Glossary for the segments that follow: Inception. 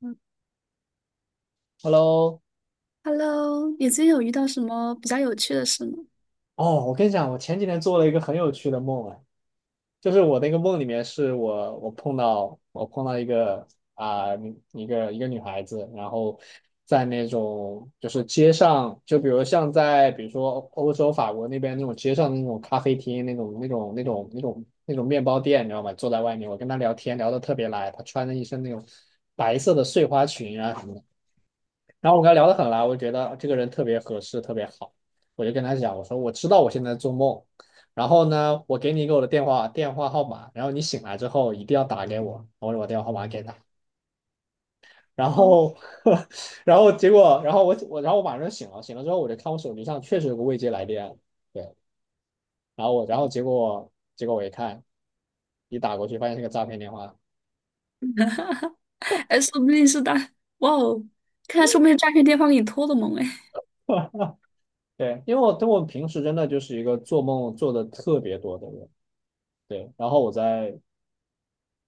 嗯 Hello，，Hello，你最近有遇到什么比较有趣的事吗？哦，我跟你讲，我前几天做了一个很有趣的梦啊，就是我那个梦里面是我碰到一个啊、女孩子，然后在那种就是街上，就比如像在比如说欧洲法国那边那种街上的那种咖啡厅那种面包店，你知道吗？坐在外面，我跟她聊天聊得特别来，她穿着一身那种白色的碎花裙啊什么的。然后我跟他聊得很来，我就觉得这个人特别合适，特别好。我就跟他讲，我说我知道我现在做梦，然后呢，我给你一个我的电话号码，然后你醒来之后一定要打给我。我把我电话号码给他，然后 然后结果，然后我马上就醒了，醒了之后我就看我手机上确实有个未接来电，对，然后我然后结果结果我一看，一打过去发现是个诈骗电话。哈哈哈哎，说不定是大，哇哦，看来说不定诈骗电话给你托的梦哎。对，因为我平时真的就是一个做梦做的特别多的人，对，然后我在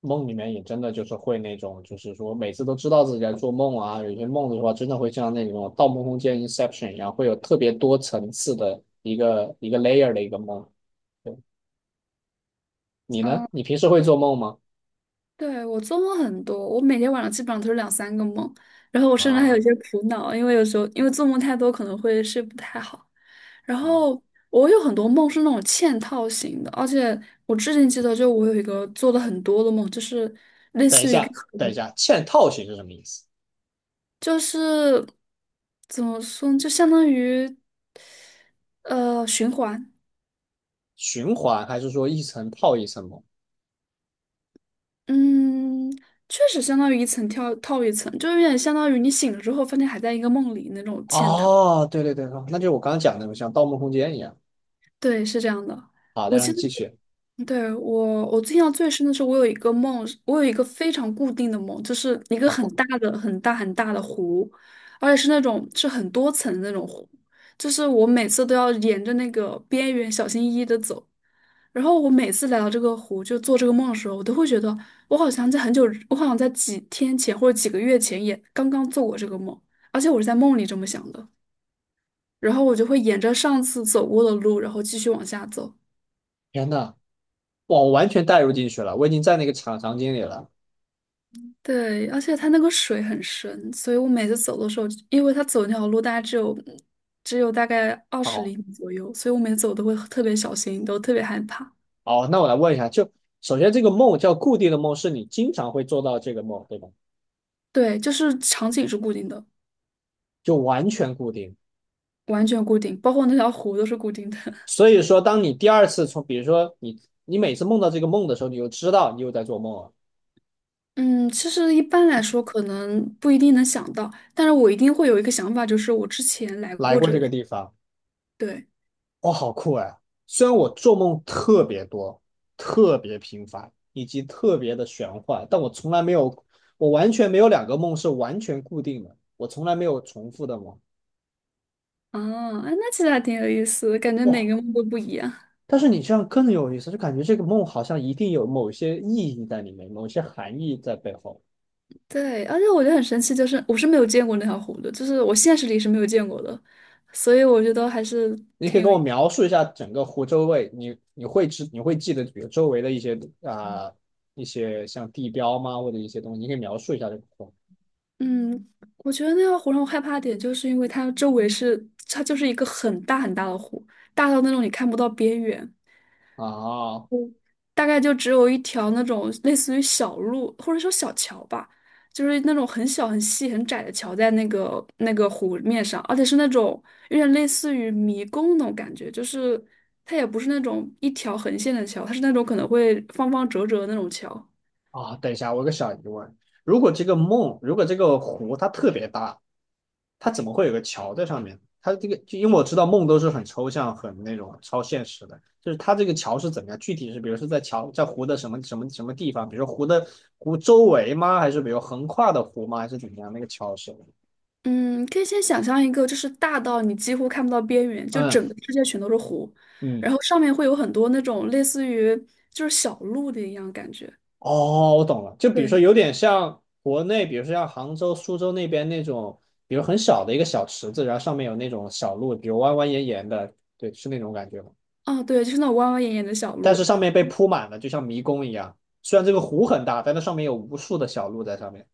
梦里面也真的就是会那种，就是说每次都知道自己在做梦啊，有些梦的话真的会像那种《盗梦空间》Inception 一样，会有特别多层次的一个一个 layer 的一个梦。对，你呢？嗯，你平时会做梦吗？对，我做梦很多，我每天晚上基本上都是两三个梦，然后我甚至还有一啊，些苦恼，因为有时候因为做梦太多可能会睡不太好。然嗯后我有很多梦是那种嵌套型的，而且我至今记得，就我有一个做的很多的梦，就是类等一似于一个。下，等一下，嵌套型是什么意思？就是怎么说呢，就相当于循环，循环还是说一层套一层梦？嗯，确实相当于一层跳套一层，就有点相当于你醒了之后发现还在一个梦里那种嵌套。哦，对对对，哦那就是我刚刚讲的那种像《盗梦空间》一样。对，是这样的。好的，我让记你得。继续。对，我印象最深的是，我有一个梦，我有一个非常固定的梦，就是一个很啊，大的、很大、很大的湖，而且是那种是很多层的那种湖，就是我每次都要沿着那个边缘小心翼翼的走。然后我每次来到这个湖，就做这个梦的时候，我都会觉得我好像在很久，我好像在几天前或者几个月前也刚刚做过这个梦，而且我是在梦里这么想的。然后我就会沿着上次走过的路，然后继续往下走。天呐，哇，我完全带入进去了，我已经在那个场景里了。对，而且它那个水很深，所以我每次走的时候，因为它走那条路大概只有大概二十好，厘米左右，所以我每次走都会特别小心，都特别害怕。哦，那我来问一下，就首先这个梦叫固定的梦，是你经常会做到这个梦，对吧？对，就是场景是固定的，就完全固定。完全固定，包括那条湖都是固定的。所以说，当你第二次从，比如说你每次梦到这个梦的时候，你就知道你又在做梦了，嗯，其实一般来说可能不一定能想到，但是我一定会有一个想法，就是我之前来来过过这这个里。地方，对，哦，好酷哎！虽然我做梦特别多、特别频繁以及特别的玄幻，但我从来没有，我完全没有两个梦是完全固定的，我从来没有重复的梦。啊，哎那其实还挺有意思的，感觉每哇，个梦都不一样。但是你这样更有意思，就感觉这个梦好像一定有某些意义在里面，某些含义在背后。对，而且我觉得很神奇，就是我是没有见过那条湖的，就是我现实里是没有见过的，所以我觉得还是你可以跟我描述一下整个湖周围，你会记得比如周围的一些啊、呃一些像地标吗，或者一些东西，你可以描述一下这个湖嗯，我觉得那条湖让我害怕的点，就是因为它周围是它就是一个很大很大的湖，大到那种你看不到边缘，啊大概就只有一条那种类似于小路或者说小桥吧，就是那种很小很细很窄的桥在那个湖面上，而且是那种有点类似于迷宫那种感觉，就是它也不是那种一条横线的桥，它是那种可能会方方折折的那种桥。啊。等一下，我有个小疑问，如果这个梦，如果这个湖它特别大，它怎么会有个桥在上面？它这个，就因为我知道梦都是很抽象、很那种超现实的，就是它这个桥是怎么样？具体是比如说在桥在湖的什么什么什么地方？比如说湖周围吗？还是比如横跨的湖吗？还是怎么样？那个桥是？嗯，可以先想象一个，就是大到你几乎看不到边缘，就嗯整个世界全都是湖，嗯，然后上面会有很多那种类似于就是小路的一样感觉。哦，我懂了。就比如说对，有点像国内，比如说像杭州、苏州那边那种，比如很小的一个小池子，然后上面有那种小路，比如弯弯延延的，对，是那种感觉吗？啊对，就是那种弯弯眼眼的小但是路。上面被铺满了，就像迷宫一样。虽然这个湖很大，但它上面有无数的小路在上面。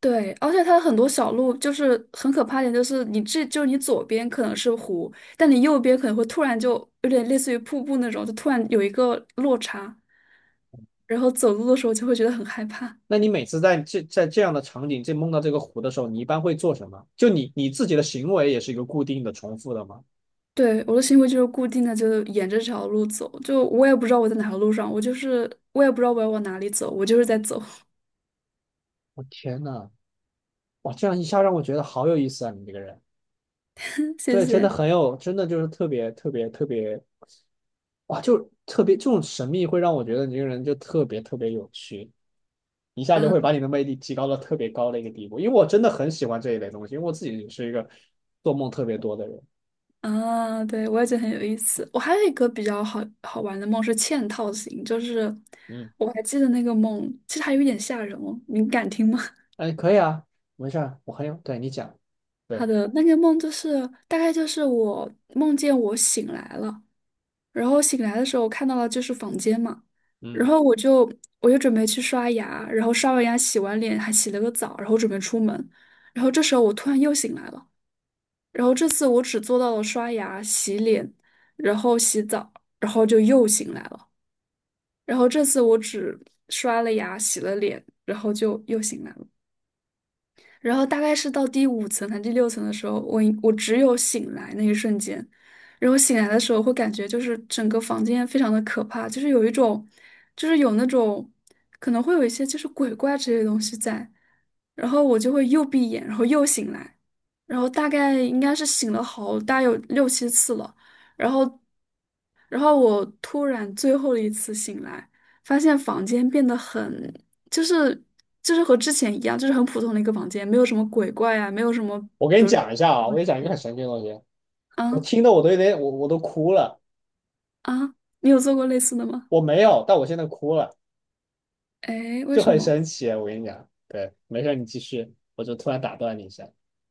对，而且它很多小路就是很可怕一点，就是你这就你左边可能是湖，但你右边可能会突然就有点类似于瀑布那种，就突然有一个落差，然后走路的时候就会觉得很害怕。那你每次在这样的场景，这梦到这个湖的时候，你一般会做什么？就你自己的行为也是一个固定的、重复的吗？对，我的行为就是固定的，就沿着这条路走，就我也不知道我在哪条路上，我就是我也不知道我要往哪里走，我就是在走。我天呐，哇，这样一下让我觉得好有意思啊！你这个人，谢对，真的谢。很有，真的就是特别特别特别，哇，就特别这种神秘会让我觉得你这个人就特别特别有趣。一下就嗯会把你的魅力提高到特别高的一个地步。因为我真的很喜欢这一类东西，因为我自己也是一个做梦特别多的人。啊，对，我也觉得很有意思。我还有一个比较好玩的梦是嵌套型，就是嗯，我还记得那个梦，其实还有一点吓人哦。你敢听吗？哎，可以啊，没事儿，我很有，对你讲，好对，的那个梦就是大概就是我梦见我醒来了，然后醒来的时候我看到了就是房间嘛，然嗯，后我就准备去刷牙，然后刷完牙洗完脸还洗了个澡，然后准备出门，然后这时候我突然又醒来了，然后这次我只做到了刷牙、洗脸，然后洗澡。然后就又醒来了。然后这次我只刷了牙、洗了脸，然后就又醒了。然后大概是到第五层还是第六层的时候，我只有醒来那一瞬间，然后醒来的时候会感觉就是整个房间非常的可怕，就是有一种，就是有那种可能会有一些就是鬼怪之类的东西在，然后我就会又闭眼，然后又醒来，然后大概应该是醒了好大有六七次了，然后，然后我突然最后一次醒来，发现房间变得很就是就是和之前一样，就是很普通的一个房间，没有什么鬼怪啊，没有什么我给你讲一下啊，我哇给你讲一个很神奇的东西，我啊听的我都有点，我都哭了，啊，你有做过类似的吗？我没有，但我现在哭了，哎，为就什很么神奇啊，我跟你讲，对，没事儿，你继续，我就突然打断你一下。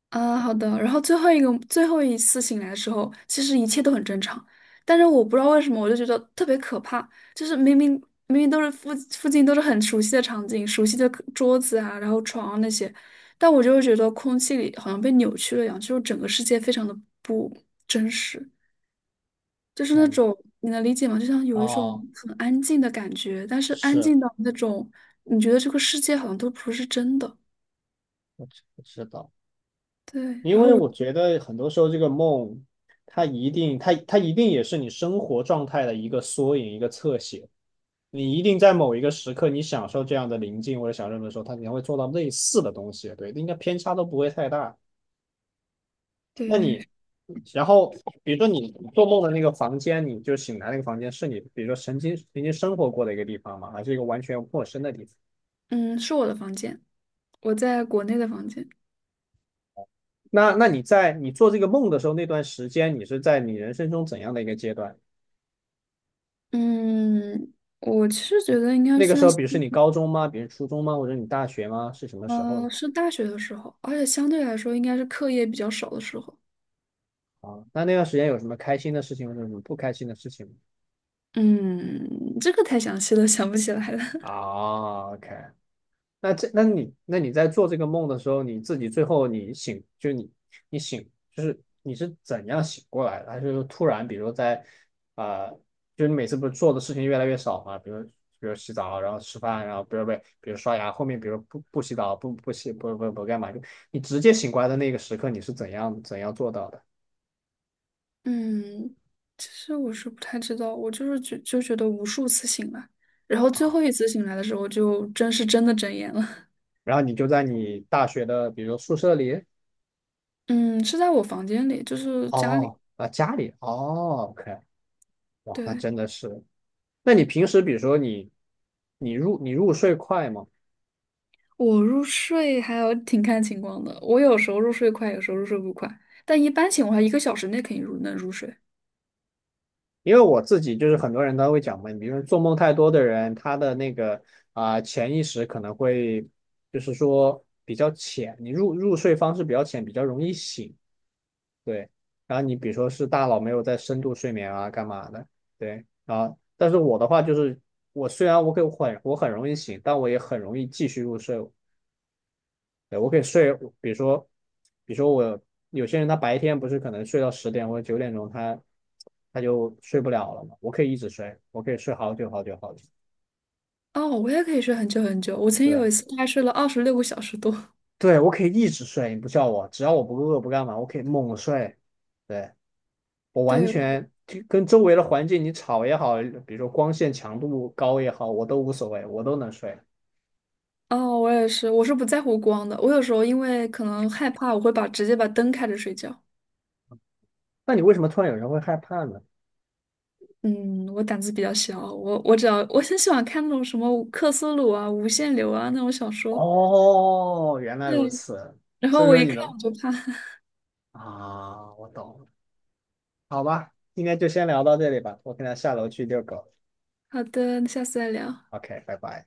啊？好的，然后最后一个最后一次醒来的时候，其实一切都很正常，但是我不知道为什么，我就觉得特别可怕，就是明明都是附近都是很熟悉的场景，熟悉的客桌子啊，然后床啊那些，但我就会觉得空气里好像被扭曲了一样，就是整个世界非常的不真实。就是那嗯，种你能理解吗？就像有一种哦，很安静的感觉，但是安是，静到那种你觉得这个世界好像都不是真的。我知道。对，因然后为我我觉得很多时候这个梦，它一定也是你生活状态的一个缩影，一个侧写。你一定在某一个时刻，你享受这样的宁静或者享受的时候，它你会做到类似的东西，对，应该偏差都不会太大。那你，对，然后比如说你做梦的那个房间，你就醒来那个房间是你，比如说曾经生活过的一个地方嘛，还是一个完全陌生的地方？嗯，是我的房间，我在国内的房间。那你在你做这个梦的时候，那段时间你是在你人生中怎样的一个阶段？嗯，我其实觉得应该那个时算候，是，比如是你高中吗？比如初中吗？或者你大学吗？是什么时候呢？是大学的时候，而且相对来说应该是课业比较少的时候。啊，那段时间有什么开心的事情或者什么不开心的事情吗？嗯，这个太详细了，想不起来了。啊，OK，那你在做这个梦的时候，你自己最后你醒，就你醒，就是你是怎样醒过来的？还是说突然，比如说在啊、呃就是你每次不是做的事情越来越少嘛？比如洗澡，然后吃饭，然后不是不是，比如刷牙，后面比如不洗澡，不洗不干嘛，就你直接醒过来的那个时刻，你是怎样做到的？嗯，其实我是不太知道，我就是觉得无数次醒来，然后最啊，后一次醒来的时候，就真的睁眼了。然后你就在你大学的，比如宿舍里，嗯，是在我房间里，就是家里。哦，啊，家里，哦，OK，哇，那对，真的是。那你平时比如说你入睡快吗？我入睡还有挺看情况的，我有时候入睡快，有时候入睡不快，但一般情况下一个小时内肯定能入睡。因为我自己就是很多人他会讲嘛，你比如说做梦太多的人，他的那个潜意识可能会就是说比较浅，你入睡方式比较浅，比较容易醒。对，然后你比如说是大脑没有在深度睡眠啊，干嘛的？对，然后但是我的话就是，我虽然我可以我很我很容易醒，但我也很容易继续入睡。对，我可以睡，比如说，比如说我有些人他白天不是可能睡到10点或者9点钟他就睡不了了嘛。我可以一直睡，我可以睡好久好久好久。哦，我也可以睡很久很久，我曾经对，有一次大概睡了26个小时多。对，我可以一直睡，你不叫我，只要我不饿不干嘛，我可以猛睡。对，我完对，全就跟周围的环境你吵也好，比如说光线强度高也好，我都无所谓，我都能睡。哦，我也是，我是不在乎光的，我有时候因为可能害怕，我会把直接把灯开着睡觉。那你为什么突然有人会害怕呢？嗯，我胆子比较小，我只要我很喜欢看那种什么克苏鲁啊、无限流啊那种小说，哦，原来如对，此，然所后以我说一你看能我就怕。啊，我懂了，好吧，今天就先聊到这里吧，我可能下楼去遛狗。好的，那下次再聊。拜拜。OK，拜拜。